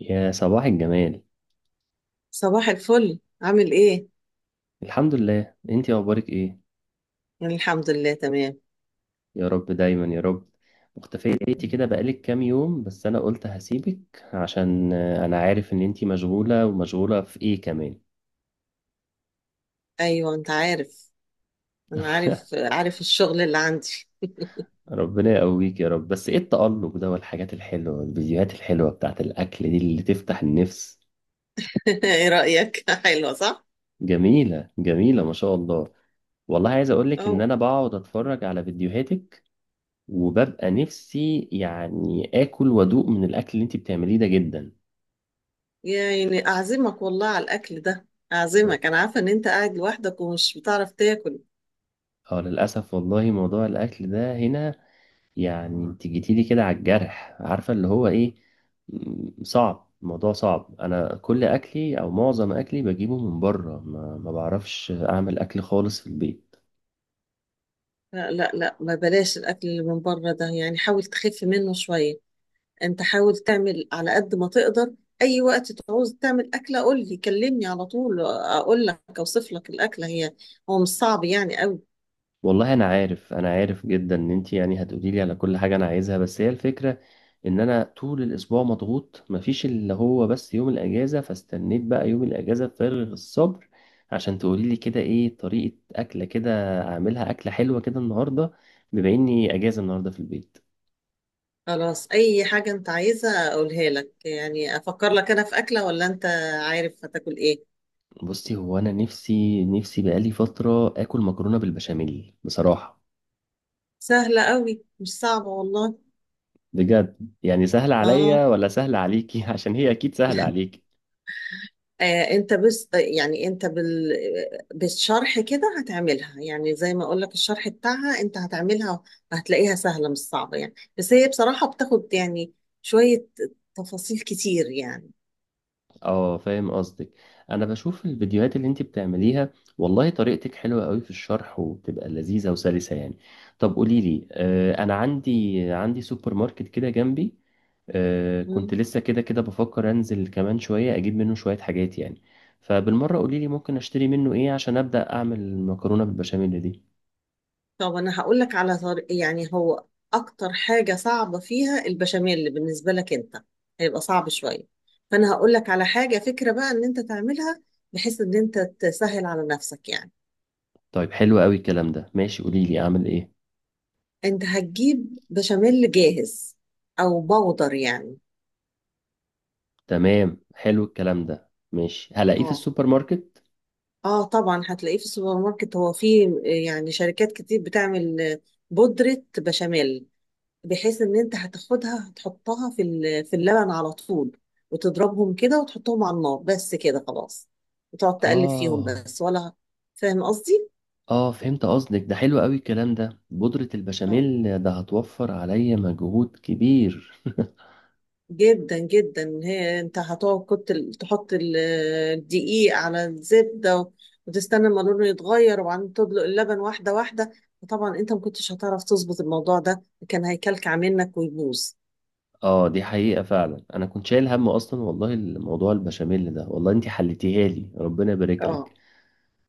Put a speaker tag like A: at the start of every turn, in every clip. A: يا صباح الجمال.
B: صباح الفل عامل ايه؟
A: الحمد لله، انتي اخبارك ايه؟
B: يعني الحمد لله تمام.
A: يا رب دايما يا رب. مختفية بقيتي كده بقالك كام يوم، بس انا قلت هسيبك عشان انا عارف ان انتي مشغولة ومشغولة في ايه كمان.
B: ايوه انت عارف، انا عارف عارف الشغل اللي عندي.
A: ربنا يقويك يا رب، بس ايه التألق ده والحاجات الحلوة والفيديوهات الحلوة بتاعت الأكل دي اللي تفتح النفس؟
B: ايه رأيك؟ حلوة صح؟
A: جميلة جميلة ما شاء الله. والله عايز أقولك إن
B: او
A: أنا بقعد أتفرج على فيديوهاتك وببقى نفسي يعني آكل وأدوق من الأكل اللي أنت بتعمليه ده جدا.
B: يعني اعزمك والله على الاكل ده. اعزمك، انا عارفة ان انت قاعد لوحدك ومش بتعرف تاكل.
A: اه للأسف والله موضوع الأكل ده هنا، يعني انت جيتيلي كده على الجرح، عارفة اللي هو ايه. صعب، الموضوع صعب. أنا كل أكلي أو معظم أكلي بجيبه من بره، ما بعرفش أعمل أكل خالص في البيت.
B: لا لا لا، ما بلاش الاكل اللي من بره ده، يعني حاول تخف منه شوية. انت حاول تعمل على قد ما تقدر. اي وقت تعوز تعمل اكلة قول لي، كلمني على طول، اقول لك اوصف لك الاكلة هي. هو مش صعب يعني قوي.
A: والله انا عارف، انا عارف جدا ان انت يعني هتقولي لي على كل حاجه انا عايزها، بس هي الفكره ان انا طول الاسبوع مضغوط، مفيش اللي هو بس يوم الاجازه، فاستنيت بقى يوم الاجازه بفارغ الصبر عشان تقولي لي كده ايه طريقه اكله كده، اعملها اكله حلوه كده النهارده بما اني اجازه النهارده في البيت.
B: خلاص، اي حاجة انت عايزة اقولها لك، يعني افكر لك انا في اكلة ولا انت عارف هتاكل ايه؟
A: بصي، هو انا نفسي نفسي بقالي فتره اكل مكرونه بالبشاميل بصراحه.
B: سهلة قوي، مش صعبة والله.
A: بجد يعني سهله
B: اه.
A: عليا ولا سهله عليكي؟ عشان هي اكيد سهله عليكي.
B: انت بس يعني انت بالشرح كده هتعملها، يعني زي ما اقول لك الشرح بتاعها انت هتعملها، هتلاقيها سهلة مش صعبة يعني، بس هي بصراحة بتاخد يعني شوية تفاصيل كتير يعني.
A: اه فاهم قصدك، انا بشوف الفيديوهات اللي انت بتعمليها، والله طريقتك حلوة قوي في الشرح وبتبقى لذيذة وسلسة يعني. طب قولي لي، آه انا عندي سوبر ماركت كده جنبي، آه كنت لسه كده كده بفكر انزل كمان شوية اجيب منه شوية حاجات يعني، فبالمرة قولي لي ممكن اشتري منه ايه عشان ابدأ اعمل المكرونة بالبشاميل دي.
B: طب انا هقول لك على طريق، يعني هو اكتر حاجه صعبه فيها البشاميل، اللي بالنسبه لك انت هيبقى صعب شويه، فانا هقول لك على حاجه فكره بقى ان انت تعملها بحيث ان انت تسهل على نفسك يعني.
A: طيب حلو قوي الكلام ده، ماشي، قولي لي اعمل ايه.
B: انت هتجيب بشاميل جاهز او بودر يعني.
A: تمام، حلو الكلام ده، ماشي، هلاقيه في
B: اه.
A: السوبر ماركت.
B: اه طبعا هتلاقيه في السوبر ماركت، هو فيه يعني شركات كتير بتعمل بودرة بشاميل، بحيث ان انت هتاخدها هتحطها في اللبن على طول، وتضربهم كده وتحطهم على النار بس كده خلاص، وتقعد تقلب فيهم
A: اه.
B: بس ولا. فاهم قصدي؟
A: اه فهمت قصدك، ده حلو قوي الكلام ده، بودرة
B: اه
A: البشاميل ده هتوفر عليا مجهود كبير.
B: جدا جدا هي انت هتقعد كنت ال- تحط ال- الدقيق على الزبده و- وتستنى ما لونه يتغير وبعدين تدلق اللبن واحده واحده وطبعا انت ما كنتش هتعرف تظبط الموضوع ده كان هيكلكع منك ويبوظ
A: اه دي حقيقة فعلا، انا كنت شايل هم اصلا والله الموضوع البشاميل ده، والله انتي حلتيها لي، ربنا يبارك لك.
B: اه،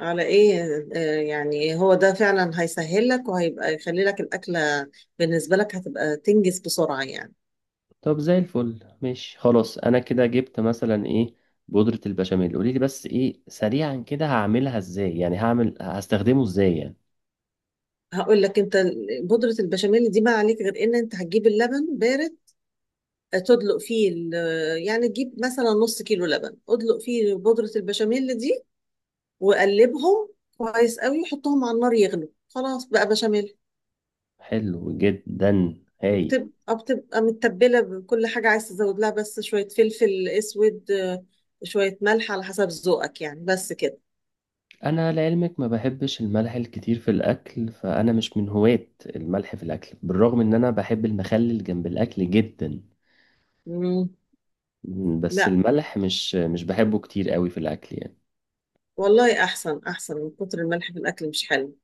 B: على ايه. يعني هو ده فعلا هيسهل لك وهيبقى يخلي لك الأكلة بالنسبة لك هتبقى تنجز بسرعة يعني.
A: طب زي الفل، ماشي خلاص، انا كده جبت مثلا ايه بودرة البشاميل، قولي لي بس ايه سريعا كده هعملها ازاي يعني، هعمل هستخدمه ازاي يعني.
B: هقول لك، انت بودرة البشاميل دي ما عليك غير ان انت هتجيب اللبن بارد، تدلق فيه يعني تجيب مثلا نص كيلو لبن، ادلق فيه بودرة البشاميل دي وقلبهم كويس قوي، وحطهم على النار يغلوا، خلاص بقى بشاميل.
A: حلو جدا، هايل.
B: بتبقى متبلة بكل حاجة، عايز تزود لها بس شوية فلفل اسود، شوية ملح على حسب ذوقك يعني بس كده.
A: انا لعلمك ما بحبش الملح الكتير في الاكل، فانا مش من هواة الملح في الاكل، بالرغم ان انا بحب المخلل جنب الاكل جدا.
B: مم.
A: مم، بس
B: لا
A: الملح مش بحبه كتير قوي في الاكل يعني.
B: والله، احسن. احسن من كتر الملح في الاكل، مش حلو.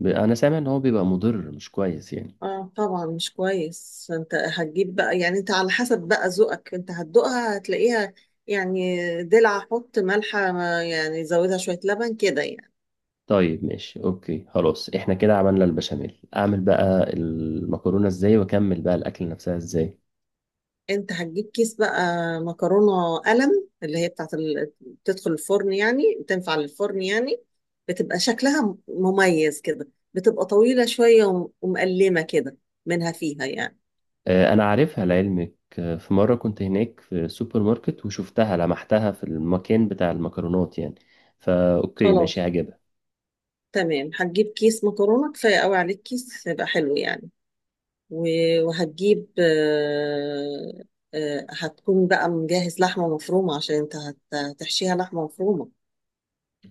A: انا سامع ان هو بيبقى مضر، مش كويس يعني.
B: اه طبعا مش كويس. انت هتجيب بقى، يعني انت على حسب بقى ذوقك، انت هتدوقها هتلاقيها يعني دلع، حط ملحة، يعني زودها شوية لبن كده يعني.
A: طيب ماشي، اوكي خلاص، احنا كده عملنا البشاميل، اعمل بقى المكرونة ازاي واكمل بقى الاكل نفسها ازاي؟
B: انت هتجيب كيس بقى مكرونة قلم، اللي هي بتاعت ال... بتدخل الفرن، يعني تنفع للفرن يعني، بتبقى شكلها مميز كده، بتبقى طويلة شوية وم- ومقلمة كده منها فيها يعني.
A: انا عارفها لعلمك، في مرة كنت هناك في سوبر ماركت وشفتها لمحتها في المكان بتاع المكرونات يعني، فا اوكي ماشي،
B: خلاص
A: عجب.
B: تمام. هتجيب كيس مكرونة كفاية قوي عليك، كيس هيبقى حلو يعني. و وهتجيب هتكون بقى مجهز لحمة مفرومة، عشان انت هتحشيها لحمة مفرومة.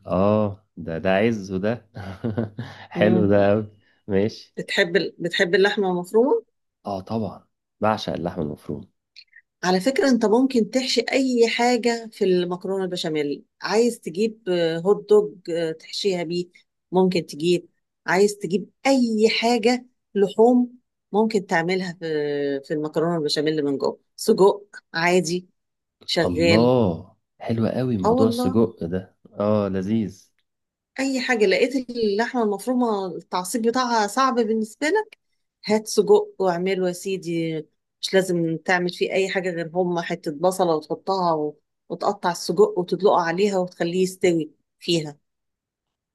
A: اه ده ده عز وده. حلو
B: مم.
A: ده قوي. ماشي.
B: بتحب اللحمة المفرومة.
A: اه طبعا، بعشق اللحم المفروم.
B: على فكرة انت ممكن تحشي اي حاجة في المكرونة البشاميل، عايز تجيب هوت دوج، تحشيها بيه، ممكن تجيب، عايز تجيب اي حاجة لحوم، ممكن تعملها في في المكرونة البشاميل من جوه سجق، عادي، شغال.
A: الله حلو قوي
B: اه
A: موضوع
B: والله.
A: السجق ده، اه لذيذ.
B: اي حاجة لقيت اللحمة المفرومة التعصيب بتاعها صعب بالنسبة لك، هات سجق واعمله يا سيدي. مش لازم تعمل فيه اي حاجه غير هم حته بصله وتحطها و... وتقطع السجق وتدلقه عليها وتخليه يستوي فيها.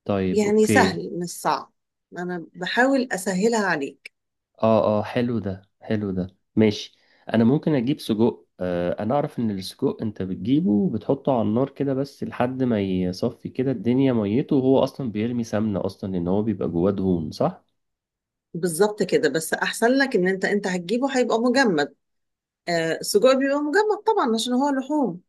A: طيب
B: يعني
A: اوكي.
B: سهل، مش صعب، انا بحاول اسهلها عليك.
A: اه اه حلو ده، حلو ده ماشي. انا ممكن اجيب سجق، آه انا اعرف ان السجق انت بتجيبه وبتحطه على النار كده بس لحد ما يصفي كده الدنيا ميته، وهو اصلا بيرمي سمنة اصلا لان هو بيبقى جواه دهون، صح؟
B: بالظبط كده، بس احسن لك ان انت هتجيبه هيبقى مجمد. آه السجق بيبقى مجمد طبعا، عشان هو لحوم.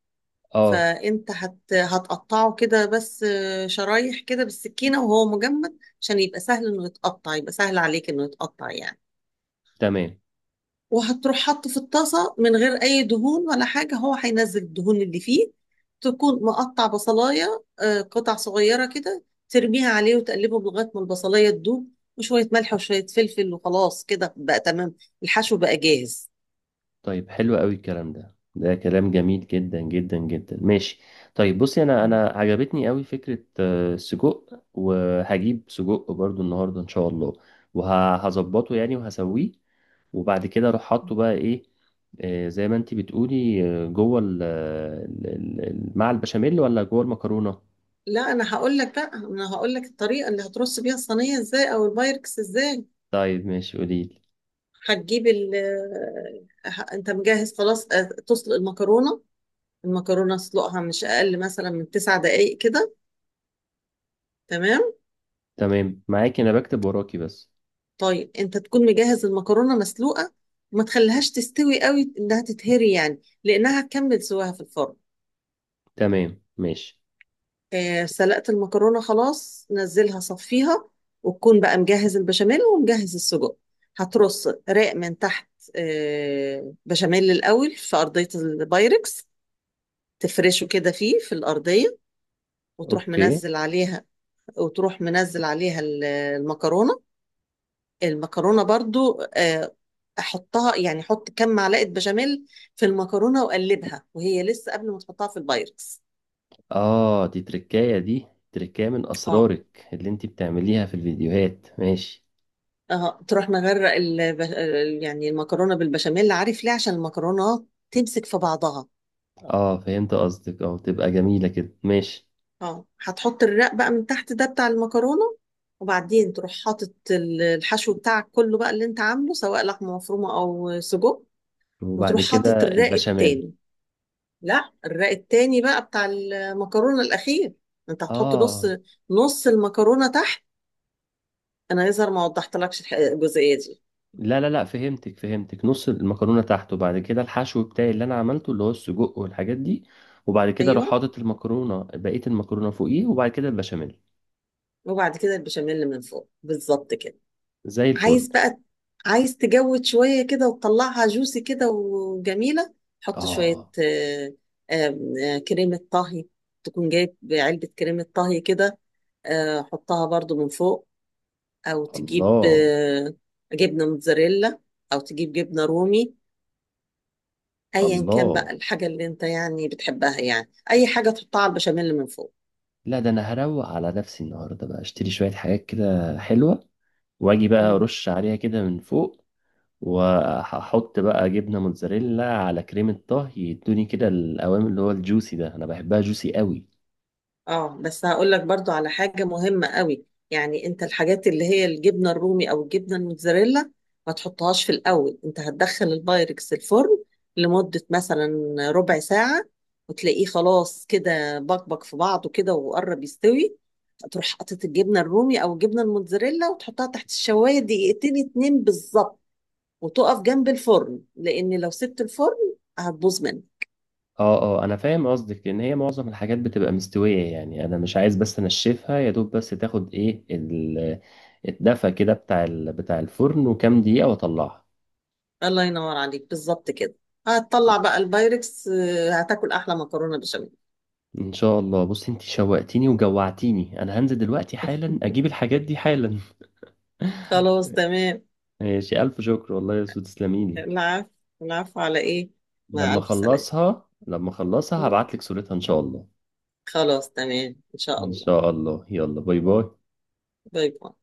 A: اه
B: فانت هتقطعه كده بس، شرايح كده بالسكينه وهو مجمد، عشان يبقى سهل انه يتقطع، يبقى سهل عليك انه يتقطع يعني.
A: تمام.
B: وهتروح حاطه في الطاسة من غير أي دهون ولا حاجة، هو هينزل الدهون اللي فيه. تكون مقطع بصلاية قطع صغيرة كده، ترميها عليه وتقلبه لغاية ما البصلاية تدوب، وشوية ملح وشوية فلفل وخلاص كده بقى تمام. الحشو بقى جاهز.
A: طيب حلو قوي الكلام ده، ده كلام جميل جدا جدا جدا، ماشي. طيب بصي، انا
B: مم.
A: انا عجبتني قوي فكرة السجق، وهجيب سجق برضو النهاردة ان شاء الله، وهظبطه يعني وهسويه. وبعد كده اروح حاطه بقى ايه، زي ما انتي بتقولي، جوه مع البشاميل ولا جوه المكرونة؟
B: لا، أنا هقول لك بقى، أنا هقول لك الطريقة اللي هترص بيها الصينية إزاي أو البايركس إزاي.
A: طيب ماشي قوليلي.
B: هتجيب ال، أنت مجهز خلاص تسلق المكرونة. المكرونة اسلقها مش أقل مثلا من 9 دقايق كده. تمام.
A: تمام معاكي، انا بكتب وراكي بس.
B: طيب انت تكون مجهز المكرونه مسلوقه، وما تخليهاش تستوي قوي انها تتهري يعني، لانها هتكمل سواها في الفرن.
A: تمام، ماشي،
B: آه سلقت المكرونه خلاص، نزلها صفيها، وتكون بقى مجهز البشاميل ومجهز السجق. هترص رق من تحت، آه بشاميل الاول في ارضيه البايركس، تفرشه كده فيه في الارضيه، وتروح
A: اوكي.
B: منزل عليها. وتروح منزل عليها المكرونه. المكرونه برضو، احطها، يعني احط كام معلقه بشاميل في المكرونه واقلبها وهي لسه قبل ما تحطها في البايركس.
A: اه دي تركاية، دي تركاية من
B: اه
A: اسرارك اللي انتي بتعمليها في الفيديوهات، ماشي.
B: اه، تروح مغرق يعني المكرونه بالبشاميل، عارف ليه؟ عشان المكرونه تمسك في بعضها.
A: اه فهمت قصدك، اه تبقى جميلة كده، ماشي.
B: اه هتحط الرق بقى من تحت ده بتاع المكرونه، وبعدين تروح حاطط الحشو بتاعك كله بقى، اللي انت عامله سواء لحمه مفرومه او سجق،
A: وبعد
B: وتروح
A: كده
B: حاطط الرق
A: البشاميل.
B: التاني. لا الرق التاني بقى بتاع المكرونة الأخير. أنت هتحط نص،
A: اه.
B: نص المكرونة تحت. أنا يظهر ما وضحتلكش الجزئية دي.
A: لا لا لا فهمتك فهمتك، نص المكرونة تحت، وبعد كده الحشو بتاعي اللي انا عملته اللي هو السجق والحاجات دي، وبعد كده اروح
B: أيوه،
A: حاطط المكرونة بقية المكرونة فوقيه، وبعد كده البشاميل.
B: وبعد كده البشاميل من فوق بالظبط كده.
A: زي الفل.
B: عايز بقى، عايز تجود شوية كده وتطلعها جوسي كده وجميلة، حط شوية
A: اه.
B: آه، آم، آه، كريمة طهي، تكون جايب علبة كريمة طهي كده، حطها برضو من فوق، أو تجيب
A: الله.
B: جبنة موتزاريلا، أو تجيب جبنة رومي، ايا كان بقى
A: الله.
B: الحاجه اللي انت يعني بتحبها، يعني اي حاجه تحطها على البشاميل من فوق.
A: لا ده انا هروق على نفسي النهارده بقى، اشتري شوية حاجات كده حلوة واجي بقى
B: مم.
A: ارش عليها كده من فوق. وهحط بقى جبنه موتزاريلا على كريمه طهي يدوني كده القوام اللي هو الجوسي ده، انا بحبها جوسي قوي.
B: اه بس هقول لك برضو على حاجه مهمه قوي. يعني انت الحاجات اللي هي الجبنه الرومي او الجبنه الموتزاريلا، ما تحطهاش في الاول. انت هتدخل البايركس الفرن لمده مثلا ربع ساعه، وتلاقيه خلاص كده بكبك في بعضه كده وقرب يستوي، تروح حاطط الجبنه الرومي او الجبنه الموتزاريلا وتحطها تحت الشوايه 2 دقيقتين بالظبط، وتقف جنب الفرن، لان لو سبت الفرن هتبوظ منك.
A: اه اه انا فاهم قصدك، لان هي معظم الحاجات بتبقى مستويه يعني، انا مش عايز بس انشفها يا دوب، بس تاخد ايه الدفى كده بتاع بتاع الفرن وكام دقيقه واطلعها.
B: الله ينور عليك، بالظبط كده. هتطلع بقى البايركس، هتاكل احلى مكرونه بشاميل.
A: ان شاء الله، بص انت شوقتيني وجوعتيني، انا هنزل دلوقتي حالا اجيب الحاجات دي حالا.
B: خلاص تمام.
A: ماشي، الف شكر والله يا سو، تسلميلي.
B: العفو. العفو على ايه. مع
A: لما
B: الف سلامه.
A: اخلصها لما اخلصها
B: مم.
A: هبعت لك صورتها ان شاء الله.
B: خلاص تمام ان شاء
A: ان
B: الله.
A: شاء الله، يلا باي باي.
B: باي باي.